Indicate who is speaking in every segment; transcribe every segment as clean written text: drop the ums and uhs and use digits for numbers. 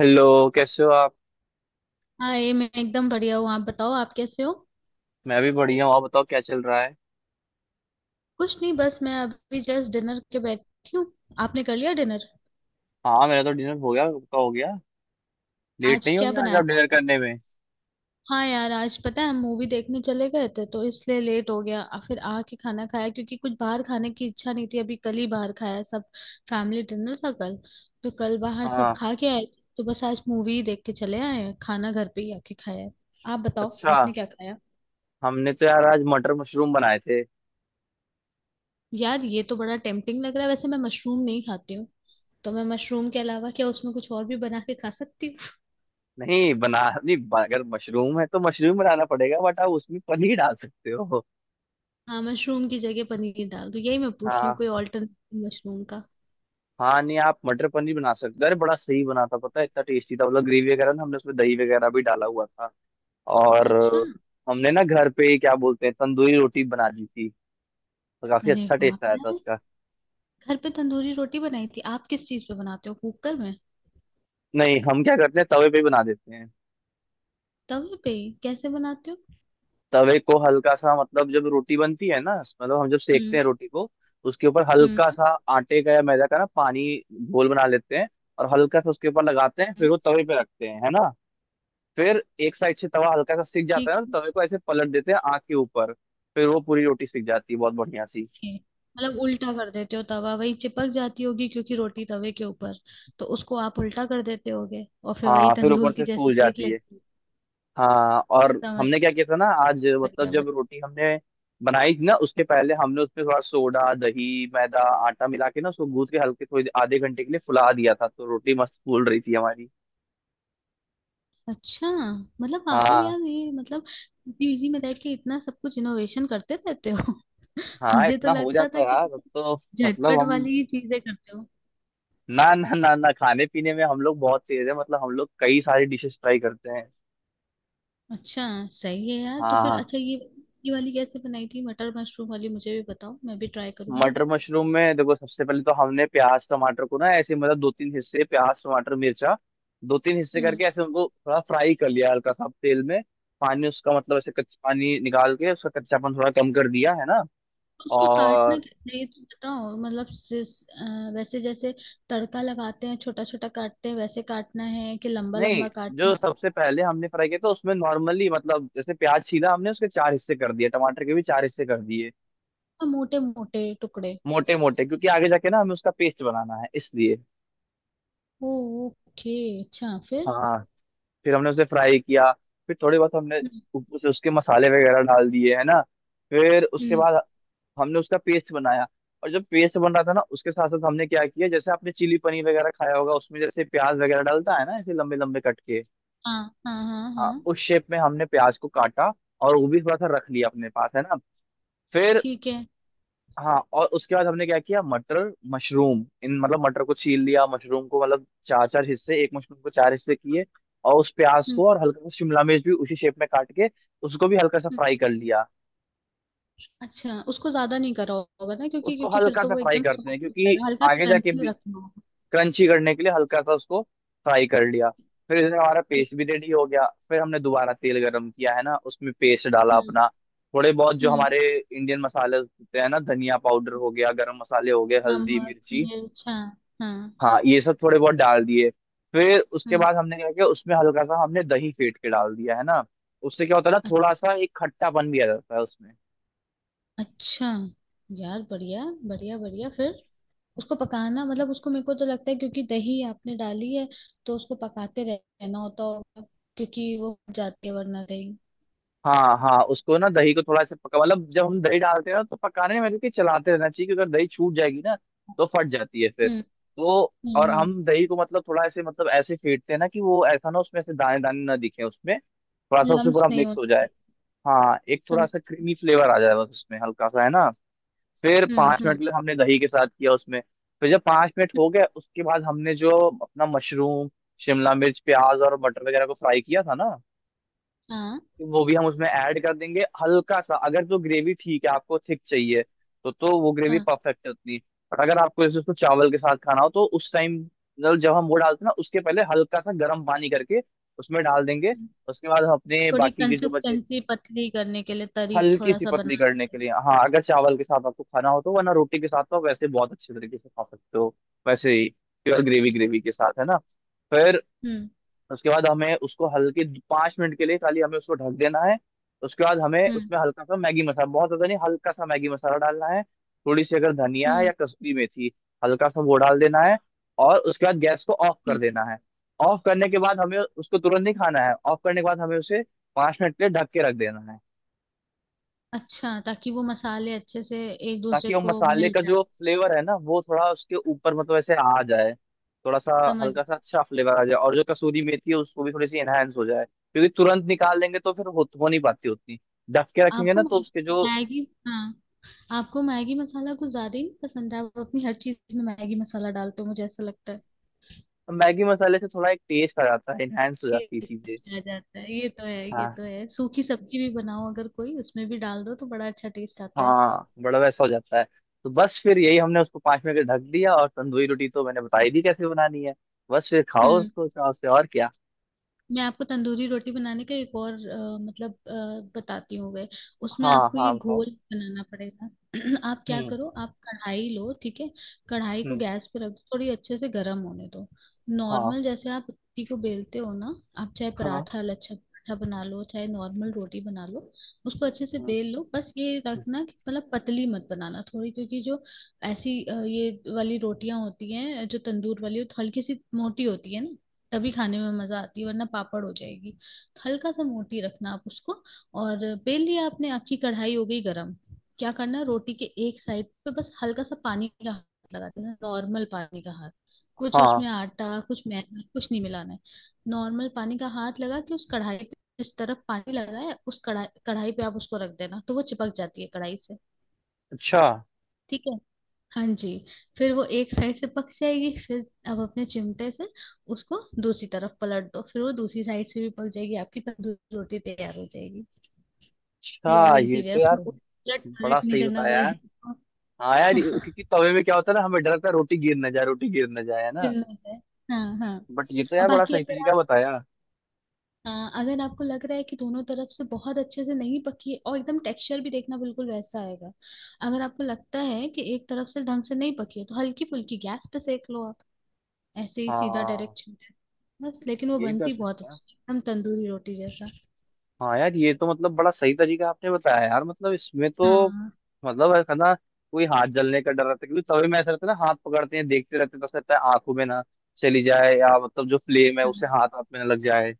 Speaker 1: Hello. कैसे हो आप।
Speaker 2: हाँ, ये मैं एकदम बढ़िया हूँ। आप बताओ, आप कैसे हो।
Speaker 1: मैं भी बढ़िया हूँ। आप बताओ क्या चल रहा है।
Speaker 2: कुछ नहीं, बस मैं अभी जस्ट डिनर के बैठी हूँ। आपने कर लिया डिनर।
Speaker 1: हाँ, मेरा तो डिनर हो गया। आपका हो गया। लेट
Speaker 2: आज
Speaker 1: नहीं हो
Speaker 2: क्या
Speaker 1: गया आज
Speaker 2: बनाया
Speaker 1: आप
Speaker 2: था
Speaker 1: डिनर
Speaker 2: आपने।
Speaker 1: करने में।
Speaker 2: हाँ यार, आज पता है हम मूवी देखने चले गए थे तो इसलिए लेट हो गया, और फिर आके खाना खाया क्योंकि कुछ बाहर खाने की इच्छा नहीं थी। अभी कल ही बाहर खाया सब। फैमिली डिनर था कल। तो कल बाहर सब
Speaker 1: हाँ।
Speaker 2: खा के आए थे, तो बस आज मूवी ही देख के चले आए हैं, खाना घर पे ही आके खाया है। आप बताओ
Speaker 1: अच्छा।
Speaker 2: आपने क्या खाया।
Speaker 1: हमने तो यार आज मटर मशरूम बनाए थे।
Speaker 2: यार ये तो बड़ा टेम्पटिंग लग रहा है, वैसे मैं मशरूम नहीं खाती हूँ। तो मैं मशरूम के अलावा क्या उसमें कुछ और भी बना के खा सकती हूँ।
Speaker 1: नहीं बना। नहीं, अगर मशरूम है तो मशरूम बनाना पड़ेगा, बट आप उसमें पनीर डाल सकते हो।
Speaker 2: हाँ, मशरूम की जगह पनीर डाल दो, यही मैं पूछ रही हूँ,
Speaker 1: हाँ।
Speaker 2: कोई ऑल्टरनेटिव मशरूम का।
Speaker 1: हाँ, नहीं, आप मटर पनीर बना सकते हो। अरे बड़ा सही बना था, पता है, इतना टेस्टी था। मतलब ग्रेवी वगैरह ना, हमने उसमें दही वगैरह भी डाला हुआ था। और
Speaker 2: अच्छा।
Speaker 1: हमने ना घर पे ही क्या बोलते हैं तंदूरी रोटी बना दी थी। तो काफी
Speaker 2: अरे
Speaker 1: अच्छा
Speaker 2: वाह
Speaker 1: टेस्ट आया था
Speaker 2: यार।
Speaker 1: उसका।
Speaker 2: घर पे तंदूरी रोटी बनाई थी, आप किस चीज पे बनाते हो, कुकर में।
Speaker 1: नहीं, हम क्या करते हैं तवे पे बना देते हैं।
Speaker 2: तवे पे ही कैसे बनाते हो।
Speaker 1: तवे को हल्का सा, मतलब जब रोटी बनती है ना, मतलब हम जब सेकते
Speaker 2: हम्म।
Speaker 1: हैं रोटी को, उसके ऊपर
Speaker 2: हम्म।
Speaker 1: हल्का सा आटे का या मैदा का ना पानी घोल बना लेते हैं और हल्का सा उसके ऊपर लगाते हैं। फिर
Speaker 2: हम्म,
Speaker 1: वो तवे पे रखते हैं, है ना। फिर एक साइड से तवा हल्का सा सिक जाता है
Speaker 2: ठीक
Speaker 1: ना,
Speaker 2: है।
Speaker 1: तो तवे को ऐसे पलट देते हैं आग के ऊपर। फिर वो पूरी रोटी सिक जाती है बहुत बढ़िया सी।
Speaker 2: ठीक है। मतलब उल्टा कर देते हो तवा, वही चिपक जाती होगी क्योंकि रोटी तवे के ऊपर। तो उसको आप उल्टा कर देते होगे और फिर वही
Speaker 1: हाँ, फिर ऊपर
Speaker 2: तंदूर
Speaker 1: से
Speaker 2: की जैसे
Speaker 1: फूल
Speaker 2: सेक
Speaker 1: जाती है।
Speaker 2: लेते हो।
Speaker 1: हाँ। और
Speaker 2: समझ।
Speaker 1: हमने क्या किया था ना आज, मतलब
Speaker 2: बढ़िया
Speaker 1: जब
Speaker 2: बढ़िया।
Speaker 1: रोटी हमने बनाई थी ना उसके पहले हमने उसमें थोड़ा सोडा, दही, मैदा, आटा मिला के ना उसको गूंथ के हल्के थोड़ी आधे घंटे के लिए फुला दिया था, तो रोटी मस्त फूल रही थी हमारी।
Speaker 2: अच्छा। मतलब आप लोग
Speaker 1: हाँ।
Speaker 2: यार, ये मतलब पीजी में रह के इतना सब कुछ इनोवेशन करते रहते हो।
Speaker 1: हाँ,
Speaker 2: मुझे तो
Speaker 1: इतना हो
Speaker 2: लगता
Speaker 1: जाता
Speaker 2: था
Speaker 1: है
Speaker 2: कि
Speaker 1: यार अब तो। मतलब
Speaker 2: झटपट
Speaker 1: हम
Speaker 2: वाली ही चीजें करते हो।
Speaker 1: ना, ना, ना, ना, खाने पीने में हम लोग बहुत तेज है। मतलब हम लोग कई सारी डिशेस ट्राई करते हैं।
Speaker 2: अच्छा। सही है यार, तो फिर
Speaker 1: हाँ।
Speaker 2: अच्छा, ये वाली कैसे बनाई थी मटर मशरूम वाली, मुझे भी बताओ, मैं भी ट्राई करूंगी।
Speaker 1: मटर मशरूम में देखो, सबसे पहले तो हमने प्याज टमाटर को ना ऐसे मतलब दो तीन हिस्से, प्याज टमाटर मिर्चा दो तीन हिस्से
Speaker 2: हम्म।
Speaker 1: करके ऐसे उनको थोड़ा फ्राई कर लिया हल्का सा तेल में। पानी उसका, मतलब ऐसे कच्चा पानी निकाल के उसका कच्चापन थोड़ा कम कर दिया, है ना।
Speaker 2: तो उसको काटना
Speaker 1: और
Speaker 2: कैसे है ये तो बताओ, मतलब वैसे जैसे तड़का लगाते हैं छोटा छोटा काटते हैं वैसे काटना है कि लंबा
Speaker 1: नहीं,
Speaker 2: लंबा काटना
Speaker 1: जो
Speaker 2: है।
Speaker 1: सबसे पहले हमने फ्राई किया था उसमें नॉर्मली मतलब जैसे प्याज छीला हमने उसके चार हिस्से कर दिए, टमाटर के भी चार हिस्से कर दिए।
Speaker 2: मोटे मोटे टुकड़े।
Speaker 1: मोटे मोटे क्योंकि आगे जाके ना हमें उसका पेस्ट बनाना है इसलिए।
Speaker 2: ओ। ओके। अच्छा। फिर।
Speaker 1: हाँ, फिर हमने उसे फ्राई किया। फिर थोड़े बहुत हमने
Speaker 2: हम्म।
Speaker 1: उसके मसाले वगैरह डाल दिए, है ना। फिर उसके
Speaker 2: हम्म।
Speaker 1: बाद हमने उसका पेस्ट बनाया। और जब पेस्ट बन रहा था ना उसके साथ साथ हमने क्या किया, जैसे आपने चिली पनीर वगैरह खाया होगा, उसमें जैसे प्याज वगैरह डालता है ना ऐसे लंबे लंबे कट के।
Speaker 2: हाँ हाँ हाँ
Speaker 1: हाँ,
Speaker 2: हाँ।
Speaker 1: उस शेप में हमने प्याज को काटा और वो भी थोड़ा सा रख लिया अपने पास, है ना। फिर
Speaker 2: ठीक है।
Speaker 1: हाँ, और उसके बाद हमने क्या किया, मटर मशरूम इन, मतलब मटर को छील लिया, मशरूम को मतलब चार चार हिस्से, एक मशरूम को चार हिस्से किए। और उस प्याज
Speaker 2: हम्म।
Speaker 1: को और हल्का सा शिमला मिर्च भी उसी शेप में काट के उसको भी हल्का सा
Speaker 2: हम्म,
Speaker 1: फ्राई कर लिया।
Speaker 2: अच्छा उसको ज्यादा नहीं करा होगा ना, क्योंकि
Speaker 1: उसको
Speaker 2: क्योंकि फिर
Speaker 1: हल्का
Speaker 2: तो
Speaker 1: सा
Speaker 2: वो
Speaker 1: फ्राई
Speaker 2: एकदम
Speaker 1: करते हैं
Speaker 2: सॉफ्ट हो
Speaker 1: क्योंकि
Speaker 2: जाएगा, हल्का
Speaker 1: आगे जाके
Speaker 2: क्रंची
Speaker 1: भी
Speaker 2: रखना होगा।
Speaker 1: क्रंची करने के लिए हल्का सा उसको फ्राई कर लिया। फिर इसमें हमारा
Speaker 2: ठीक।
Speaker 1: पेस्ट भी रेडी हो गया। फिर हमने दोबारा तेल गरम किया, है ना, उसमें पेस्ट डाला
Speaker 2: हम्म।
Speaker 1: अपना, थोड़े बहुत जो
Speaker 2: हम्म।
Speaker 1: हमारे इंडियन मसाले होते हैं ना, धनिया पाउडर हो गया, गरम मसाले हो गए, हल्दी
Speaker 2: नमक
Speaker 1: मिर्ची।
Speaker 2: मिर्च, हाँ। हाँ।
Speaker 1: हाँ, ये सब थोड़े बहुत डाल दिए। फिर उसके
Speaker 2: हम्म।
Speaker 1: बाद हमने क्या किया, उसमें हल्का सा हमने दही फेंट के डाल दिया, है ना। उससे क्या होता है ना, थोड़ा
Speaker 2: अच-
Speaker 1: सा एक खट्टापन भी आ जाता है उसमें।
Speaker 2: अच्छा। यार बढ़िया बढ़िया बढ़िया। फिर उसको पकाना, मतलब उसको, मेरे को तो लगता है क्योंकि दही आपने डाली है, तो उसको पकाते रहना होता होगा, क्योंकि वो फट जाती है वरना दही।
Speaker 1: हाँ। हाँ, उसको ना दही को थोड़ा सा पका, मतलब जब हम दही डालते हैं ना तो पकाने में देखिए चलाते रहना चाहिए क्योंकि अगर दही छूट जाएगी ना तो फट जाती है फिर
Speaker 2: हम्म।
Speaker 1: तो।
Speaker 2: हम्म।
Speaker 1: और
Speaker 2: हम्म।
Speaker 1: हम दही को मतलब थोड़ा ऐसे, मतलब ऐसे फेंटते हैं ना कि वो ऐसा ना उसमें से दाने दाने ना दिखे, उसमें थोड़ा सा उसमें
Speaker 2: लम्स
Speaker 1: पूरा
Speaker 2: नहीं
Speaker 1: मिक्स हो जाए।
Speaker 2: होते।
Speaker 1: हाँ, एक थोड़ा
Speaker 2: समझ।
Speaker 1: सा क्रीमी फ्लेवर आ जाए बस उसमें हल्का सा, है ना। फिर
Speaker 2: हम्म।
Speaker 1: 5 मिनट
Speaker 2: हम्म।
Speaker 1: के लिए हमने दही के साथ किया उसमें। फिर जब 5 मिनट हो गए उसके बाद हमने जो अपना मशरूम शिमला मिर्च प्याज और मटर वगैरह को फ्राई किया था ना,
Speaker 2: हाँ।
Speaker 1: तो वो भी हम उसमें ऐड कर देंगे। हल्का सा, अगर तो ग्रेवी ठीक है, आपको थिक चाहिए तो वो ग्रेवी
Speaker 2: हाँ।
Speaker 1: परफेक्ट है उतनी। और अगर आपको जैसे उसको चावल के साथ खाना हो तो उस टाइम, मतलब जब हम वो डालते हैं ना उसके पहले हल्का सा गर्म पानी करके उसमें डाल देंगे।
Speaker 2: हम्म,
Speaker 1: उसके बाद हम अपने
Speaker 2: तो थोड़ी
Speaker 1: बाकी के जो बचे
Speaker 2: कंसिस्टेंसी पतली करने के लिए, तरी
Speaker 1: हल्की
Speaker 2: थोड़ा
Speaker 1: सी
Speaker 2: सा
Speaker 1: पतली
Speaker 2: बनाने
Speaker 1: करने
Speaker 2: के
Speaker 1: के
Speaker 2: लिए।
Speaker 1: लिए, हाँ, अगर चावल के साथ आपको खाना हो तो, वरना रोटी के साथ तो आप वैसे बहुत अच्छे तरीके से खा सकते हो वैसे ही प्योर ग्रेवी, ग्रेवी के साथ, है ना। फिर
Speaker 2: हम्म।
Speaker 1: उसके बाद हमें उसको हल्के 5 मिनट के लिए खाली हमें उसको ढक देना है। उसके बाद हमें
Speaker 2: हम्म।
Speaker 1: उसमें हल्का सा मैगी मसाला, बहुत ज्यादा नहीं, हल्का सा मैगी मसाला डालना है। थोड़ी सी अगर धनिया है
Speaker 2: हम्म।
Speaker 1: या कसूरी मेथी हल्का सा वो डाल देना है, और उसके बाद गैस को ऑफ कर
Speaker 2: हम्म।
Speaker 1: देना है। ऑफ करने के बाद हमें उसको तुरंत नहीं खाना है। ऑफ करने के बाद हमें उसे 5 मिनट के लिए ढक के रख देना है,
Speaker 2: अच्छा, ताकि वो मसाले अच्छे से एक दूसरे
Speaker 1: ताकि वो
Speaker 2: को
Speaker 1: मसाले
Speaker 2: मिल
Speaker 1: का
Speaker 2: जाए।
Speaker 1: जो फ्लेवर है ना वो थोड़ा उसके ऊपर मतलब ऐसे आ जाए, थोड़ा सा
Speaker 2: समझ।
Speaker 1: हल्का सा अच्छा फ्लेवर आ जाए और जो कसूरी मेथी है उसको भी थोड़ी सी एनहांस हो जाए, क्योंकि तुरंत निकाल लेंगे तो फिर हो नहीं पाती उतनी। ढक के रखेंगे
Speaker 2: आपको
Speaker 1: ना तो
Speaker 2: म-
Speaker 1: उसके जो
Speaker 2: मैगी। हाँ। आपको मैगी मसाला कुछ ज्यादा ही नहीं पसंद है, आप अपनी हर चीज में मैगी मसाला डालते हो, मुझे ऐसा लगता है।
Speaker 1: मैगी मसाले से थोड़ा एक टेस्ट आ जाता है, एनहांस हो
Speaker 2: ये
Speaker 1: जाती है चीजें।
Speaker 2: अच्छा आ जाता है, ये तो है, ये
Speaker 1: हाँ।
Speaker 2: तो है। सूखी सब्जी भी बनाओ, अगर कोई उसमें भी डाल दो तो बड़ा अच्छा टेस्ट आता है।
Speaker 1: हाँ, बड़ा वैसा हो जाता है। तो बस फिर यही हमने उसको 5 मिनट के लिए ढक दिया और तंदूरी रोटी तो मैंने बताई दी कैसे बनानी है। बस फिर खाओ
Speaker 2: हम्म।
Speaker 1: उसको चाव से, और क्या।
Speaker 2: मैं आपको तंदूरी रोटी बनाने का एक और मतलब बताती हूँ गए। उसमें
Speaker 1: हाँ।
Speaker 2: आपको
Speaker 1: हाँ
Speaker 2: ये
Speaker 1: बताओ।
Speaker 2: घोल बनाना पड़ेगा। आप क्या
Speaker 1: हम्म।
Speaker 2: करो, आप कढ़ाई लो, ठीक है। कढ़ाई को
Speaker 1: हम्म।
Speaker 2: गैस पे रख दो, थोड़ी अच्छे से गर्म होने दो।
Speaker 1: हाँ,
Speaker 2: नॉर्मल जैसे आप रोटी को बेलते हो ना, आप चाहे
Speaker 1: हाँ,
Speaker 2: पराठा, लच्छा पराठा बना लो, चाहे नॉर्मल रोटी बना लो। उसको अच्छे से
Speaker 1: हाँ,
Speaker 2: बेल लो, बस ये रखना कि मतलब पतली मत बनाना थोड़ी, क्योंकि जो ऐसी ये वाली रोटियां होती हैं जो तंदूर वाली, वो हल्की सी मोटी होती है ना, तभी खाने में मजा आती है वरना पापड़ हो जाएगी। तो हल्का सा मोटी रखना आप उसको। और बेल लिया आपने, आपकी कढ़ाई हो गई गरम। क्या करना है, रोटी के एक साइड पे बस हल्का सा पानी का हाथ लगा देना, नॉर्मल पानी का हाथ। कुछ उसमें
Speaker 1: हाँ।
Speaker 2: आटा, कुछ मैदा, कुछ नहीं मिलाना है। नॉर्मल पानी का हाथ लगा के उस कढ़ाई पे, जिस तरफ पानी लगा है उस कढ़ाई कढ़ाई पे आप उसको रख देना, तो वो चिपक जाती है कढ़ाई से।
Speaker 1: अच्छा।
Speaker 2: ठीक है। हाँ जी। फिर वो एक साइड से पक जाएगी, फिर अब अपने चिमटे से उसको दूसरी तरफ पलट दो, फिर वो दूसरी साइड से भी पक जाएगी, आपकी तंदूरी रोटी तैयार हो जाएगी। ये और
Speaker 1: अच्छा, ये
Speaker 2: इजी वे है,
Speaker 1: तो यार
Speaker 2: उसमें उलट
Speaker 1: बड़ा
Speaker 2: पलट नहीं
Speaker 1: सही
Speaker 2: करना
Speaker 1: बताया यार।
Speaker 2: पड़ेगा।
Speaker 1: हाँ यार, क्योंकि तवे में क्या होता है ना हमें डर लगता है रोटी गिर ना जाए, रोटी गिर ना जाए, है ना।
Speaker 2: फिर ना जाए। हाँ। हाँ।
Speaker 1: बट ये तो
Speaker 2: और
Speaker 1: यार बड़ा
Speaker 2: बाकी
Speaker 1: सही
Speaker 2: अगर
Speaker 1: तरीका
Speaker 2: आप,
Speaker 1: बताया।
Speaker 2: हाँ, अगर आपको लग रहा है कि दोनों तरफ से बहुत अच्छे से नहीं पकी है, और एकदम टेक्सचर भी देखना बिल्कुल वैसा आएगा। अगर आपको लगता है कि एक तरफ से ढंग से नहीं पकी है तो हल्की फुल्की गैस पे सेक लो, ऐसे ही सीधा
Speaker 1: हाँ।
Speaker 2: डायरेक्ट छूट है। बस लेकिन वो
Speaker 1: ये कर
Speaker 2: बनती बहुत
Speaker 1: सकते हैं।
Speaker 2: अच्छी है, हम तंदूरी रोटी जैसा।
Speaker 1: हाँ यार, ये तो मतलब बड़ा सही तरीका आपने बताया यार, मतलब इसमें तो
Speaker 2: हाँ।
Speaker 1: मतलब है ना कोई हाथ जलने का डर रहता है, क्योंकि तवे में ऐसा रहता है ना हाथ पकड़ते हैं देखते रहते हैं तो ऐसा रहता है आंखों में ना चली जाए, या मतलब जो फ्लेम है
Speaker 2: हाँ।
Speaker 1: उसे हाथ आप में ना लग जाए।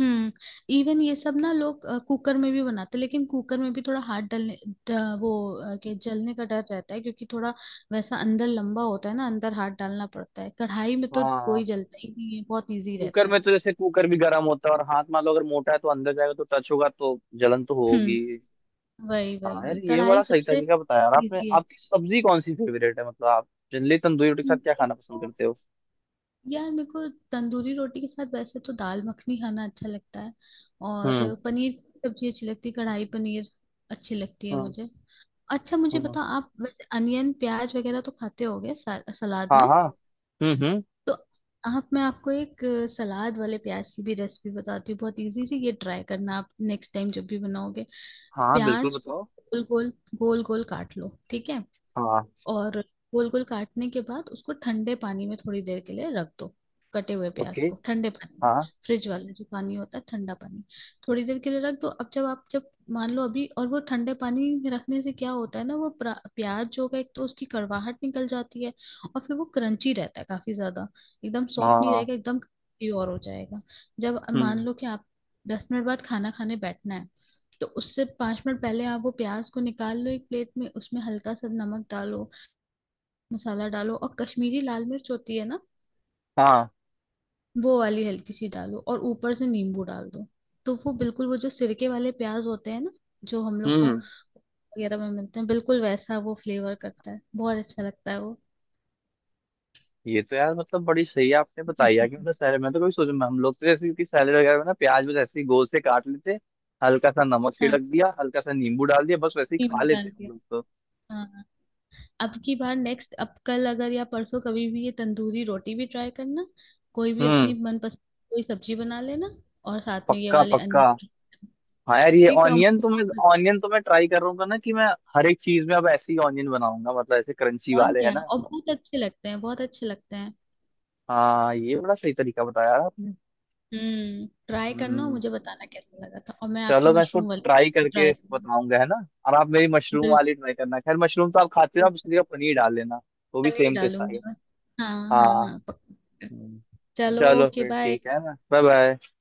Speaker 2: हम्म। इवन ये सब ना लोग कुकर में भी बनाते, लेकिन कुकर में भी थोड़ा हाथ डलने वो के जलने का डर रहता है, क्योंकि थोड़ा वैसा अंदर लंबा होता है ना, अंदर हाथ डालना पड़ता है, कढ़ाई में तो
Speaker 1: हाँ।
Speaker 2: कोई जलता ही नहीं है, बहुत इजी
Speaker 1: कुकर
Speaker 2: रहता है।
Speaker 1: में तो जैसे कुकर भी गर्म होता है और हाथ मान लो अगर मोटा है तो अंदर जाएगा, तो टच होगा तो जलन तो होगी।
Speaker 2: हम्म। वही वही
Speaker 1: हाँ यार,
Speaker 2: वही,
Speaker 1: ये बड़ा
Speaker 2: कढ़ाई
Speaker 1: सही
Speaker 2: सबसे
Speaker 1: तरीका बताया यार आपने।
Speaker 2: इजी है।
Speaker 1: आपकी सब्जी कौन सी फेवरेट है, मतलब आप जनरली तंदूरी रोटी के साथ क्या खाना पसंद करते हो।
Speaker 2: यार मेरे को तंदूरी रोटी के साथ वैसे तो दाल मखनी खाना अच्छा लगता है,
Speaker 1: हम्म।
Speaker 2: और पनीर की सब्जी अच्छी लगती है, कढ़ाई पनीर अच्छी लगती है
Speaker 1: हम्म।
Speaker 2: मुझे। अच्छा, मुझे
Speaker 1: हम्म।
Speaker 2: बताओ, आप वैसे अनियन प्याज वगैरह तो खाते होगे सलाद
Speaker 1: हाँ
Speaker 2: में।
Speaker 1: हाँ। हम्म। हम्म।
Speaker 2: तो आप, मैं आपको एक सलाद वाले प्याज की भी रेसिपी बताती हूँ, बहुत इजी सी, ये ट्राई करना आप नेक्स्ट टाइम जब भी बनाओगे।
Speaker 1: हाँ बिल्कुल
Speaker 2: प्याज को
Speaker 1: बताओ।
Speaker 2: गोल गोल गोल गोल काट लो, ठीक है।
Speaker 1: हाँ।
Speaker 2: और गोल गोल काटने के बाद उसको ठंडे पानी में थोड़ी देर के लिए रख दो, कटे हुए प्याज
Speaker 1: ओके।
Speaker 2: को ठंडे पानी
Speaker 1: हाँ।
Speaker 2: में। फ्रिज वाला जो पानी होता है, ठंडा पानी, थोड़ी देर के लिए रख दो। अब जब आप, जब मान लो अभी, और वो ठंडे पानी में रखने से क्या होता है ना, वो प्याज जो होगा, एक तो उसकी कड़वाहट निकल जाती है, और फिर वो क्रंची रहता है काफी ज्यादा, एकदम सॉफ्ट नहीं रहेगा,
Speaker 1: हाँ।
Speaker 2: एकदम प्योर हो जाएगा। जब मान
Speaker 1: हम्म।
Speaker 2: लो कि आप 10 मिनट बाद खाना खाने बैठना है, तो उससे 5 मिनट पहले आप वो प्याज को निकाल लो एक प्लेट में, उसमें हल्का सा नमक डालो, मसाला डालो, और कश्मीरी लाल मिर्च होती है ना,
Speaker 1: हाँ।
Speaker 2: वो वाली हल्की सी डालो और ऊपर से नींबू डाल दो। तो वो बिल्कुल वो जो सिरके वाले प्याज होते हैं ना, जो हम लोग को
Speaker 1: हम्म।
Speaker 2: वगैरह में मिलते हैं, बिल्कुल वैसा वो फ्लेवर करता है, बहुत अच्छा लगता है वो।
Speaker 1: ये तो यार, मतलब बड़ी सही है आपने बताई यार कि मतलब सैलड में तो कोई सोच, हम लोग तो जैसे कि सैलड वगैरह में ना प्याज बस ऐसे ही गोल से काट लेते, हल्का सा नमक
Speaker 2: हाँ,
Speaker 1: छिड़क दिया, हल्का सा नींबू डाल दिया, बस वैसे ही खा
Speaker 2: नींबू डाल
Speaker 1: लेते हैं हम
Speaker 2: दिया।
Speaker 1: लोग तो।
Speaker 2: हाँ। हाँ। अब की बार नेक्स्ट, अब कल अगर या परसों कभी भी ये तंदूरी रोटी भी ट्राई करना, कोई भी अपनी
Speaker 1: हम्म।
Speaker 2: मनपसंद कोई सब्जी बना लेना, और साथ में ये
Speaker 1: पक्का
Speaker 2: वाले अन्य।
Speaker 1: पक्का। हाँ यार, ये
Speaker 2: ठीक है।
Speaker 1: ऑनियन तो मैं ऑनियन तो मैं ट्राई कर रहा हूँ ना कि मैं हर एक चीज में अब ऐसे ही ऑनियन बनाऊंगा, मतलब ऐसे क्रंची
Speaker 2: और
Speaker 1: वाले, है
Speaker 2: क्या,
Speaker 1: ना।
Speaker 2: और बहुत अच्छे लगते हैं, बहुत अच्छे लगते हैं।
Speaker 1: हाँ, ये बड़ा सही तरीका बताया यार आपने।
Speaker 2: हम्म, ट्राई करना और
Speaker 1: हम्म।
Speaker 2: मुझे बताना कैसा लगा था, और मैं आपकी
Speaker 1: चलो मैं इसको
Speaker 2: मशरूम
Speaker 1: ट्राई
Speaker 2: वाली
Speaker 1: करके
Speaker 2: ट्राई करूंगी।
Speaker 1: बताऊंगा, है ना। और आप मेरी मशरूम
Speaker 2: बिल्कुल।
Speaker 1: वाली ट्राई करना। खैर मशरूम तो आप खाते हो, आप उसकी
Speaker 2: बिल्कुल।
Speaker 1: जगह पनीर डाल लेना। वो भी
Speaker 2: पनीर
Speaker 1: सेम टेस्ट आएगा।
Speaker 2: डालूंगी मैं। हाँ। हाँ।
Speaker 1: हाँ।
Speaker 2: हाँ। पक्का।
Speaker 1: हम्म।
Speaker 2: चलो।
Speaker 1: चलो
Speaker 2: ओके।
Speaker 1: फिर
Speaker 2: बाय।
Speaker 1: ठीक है ना। Bye bye.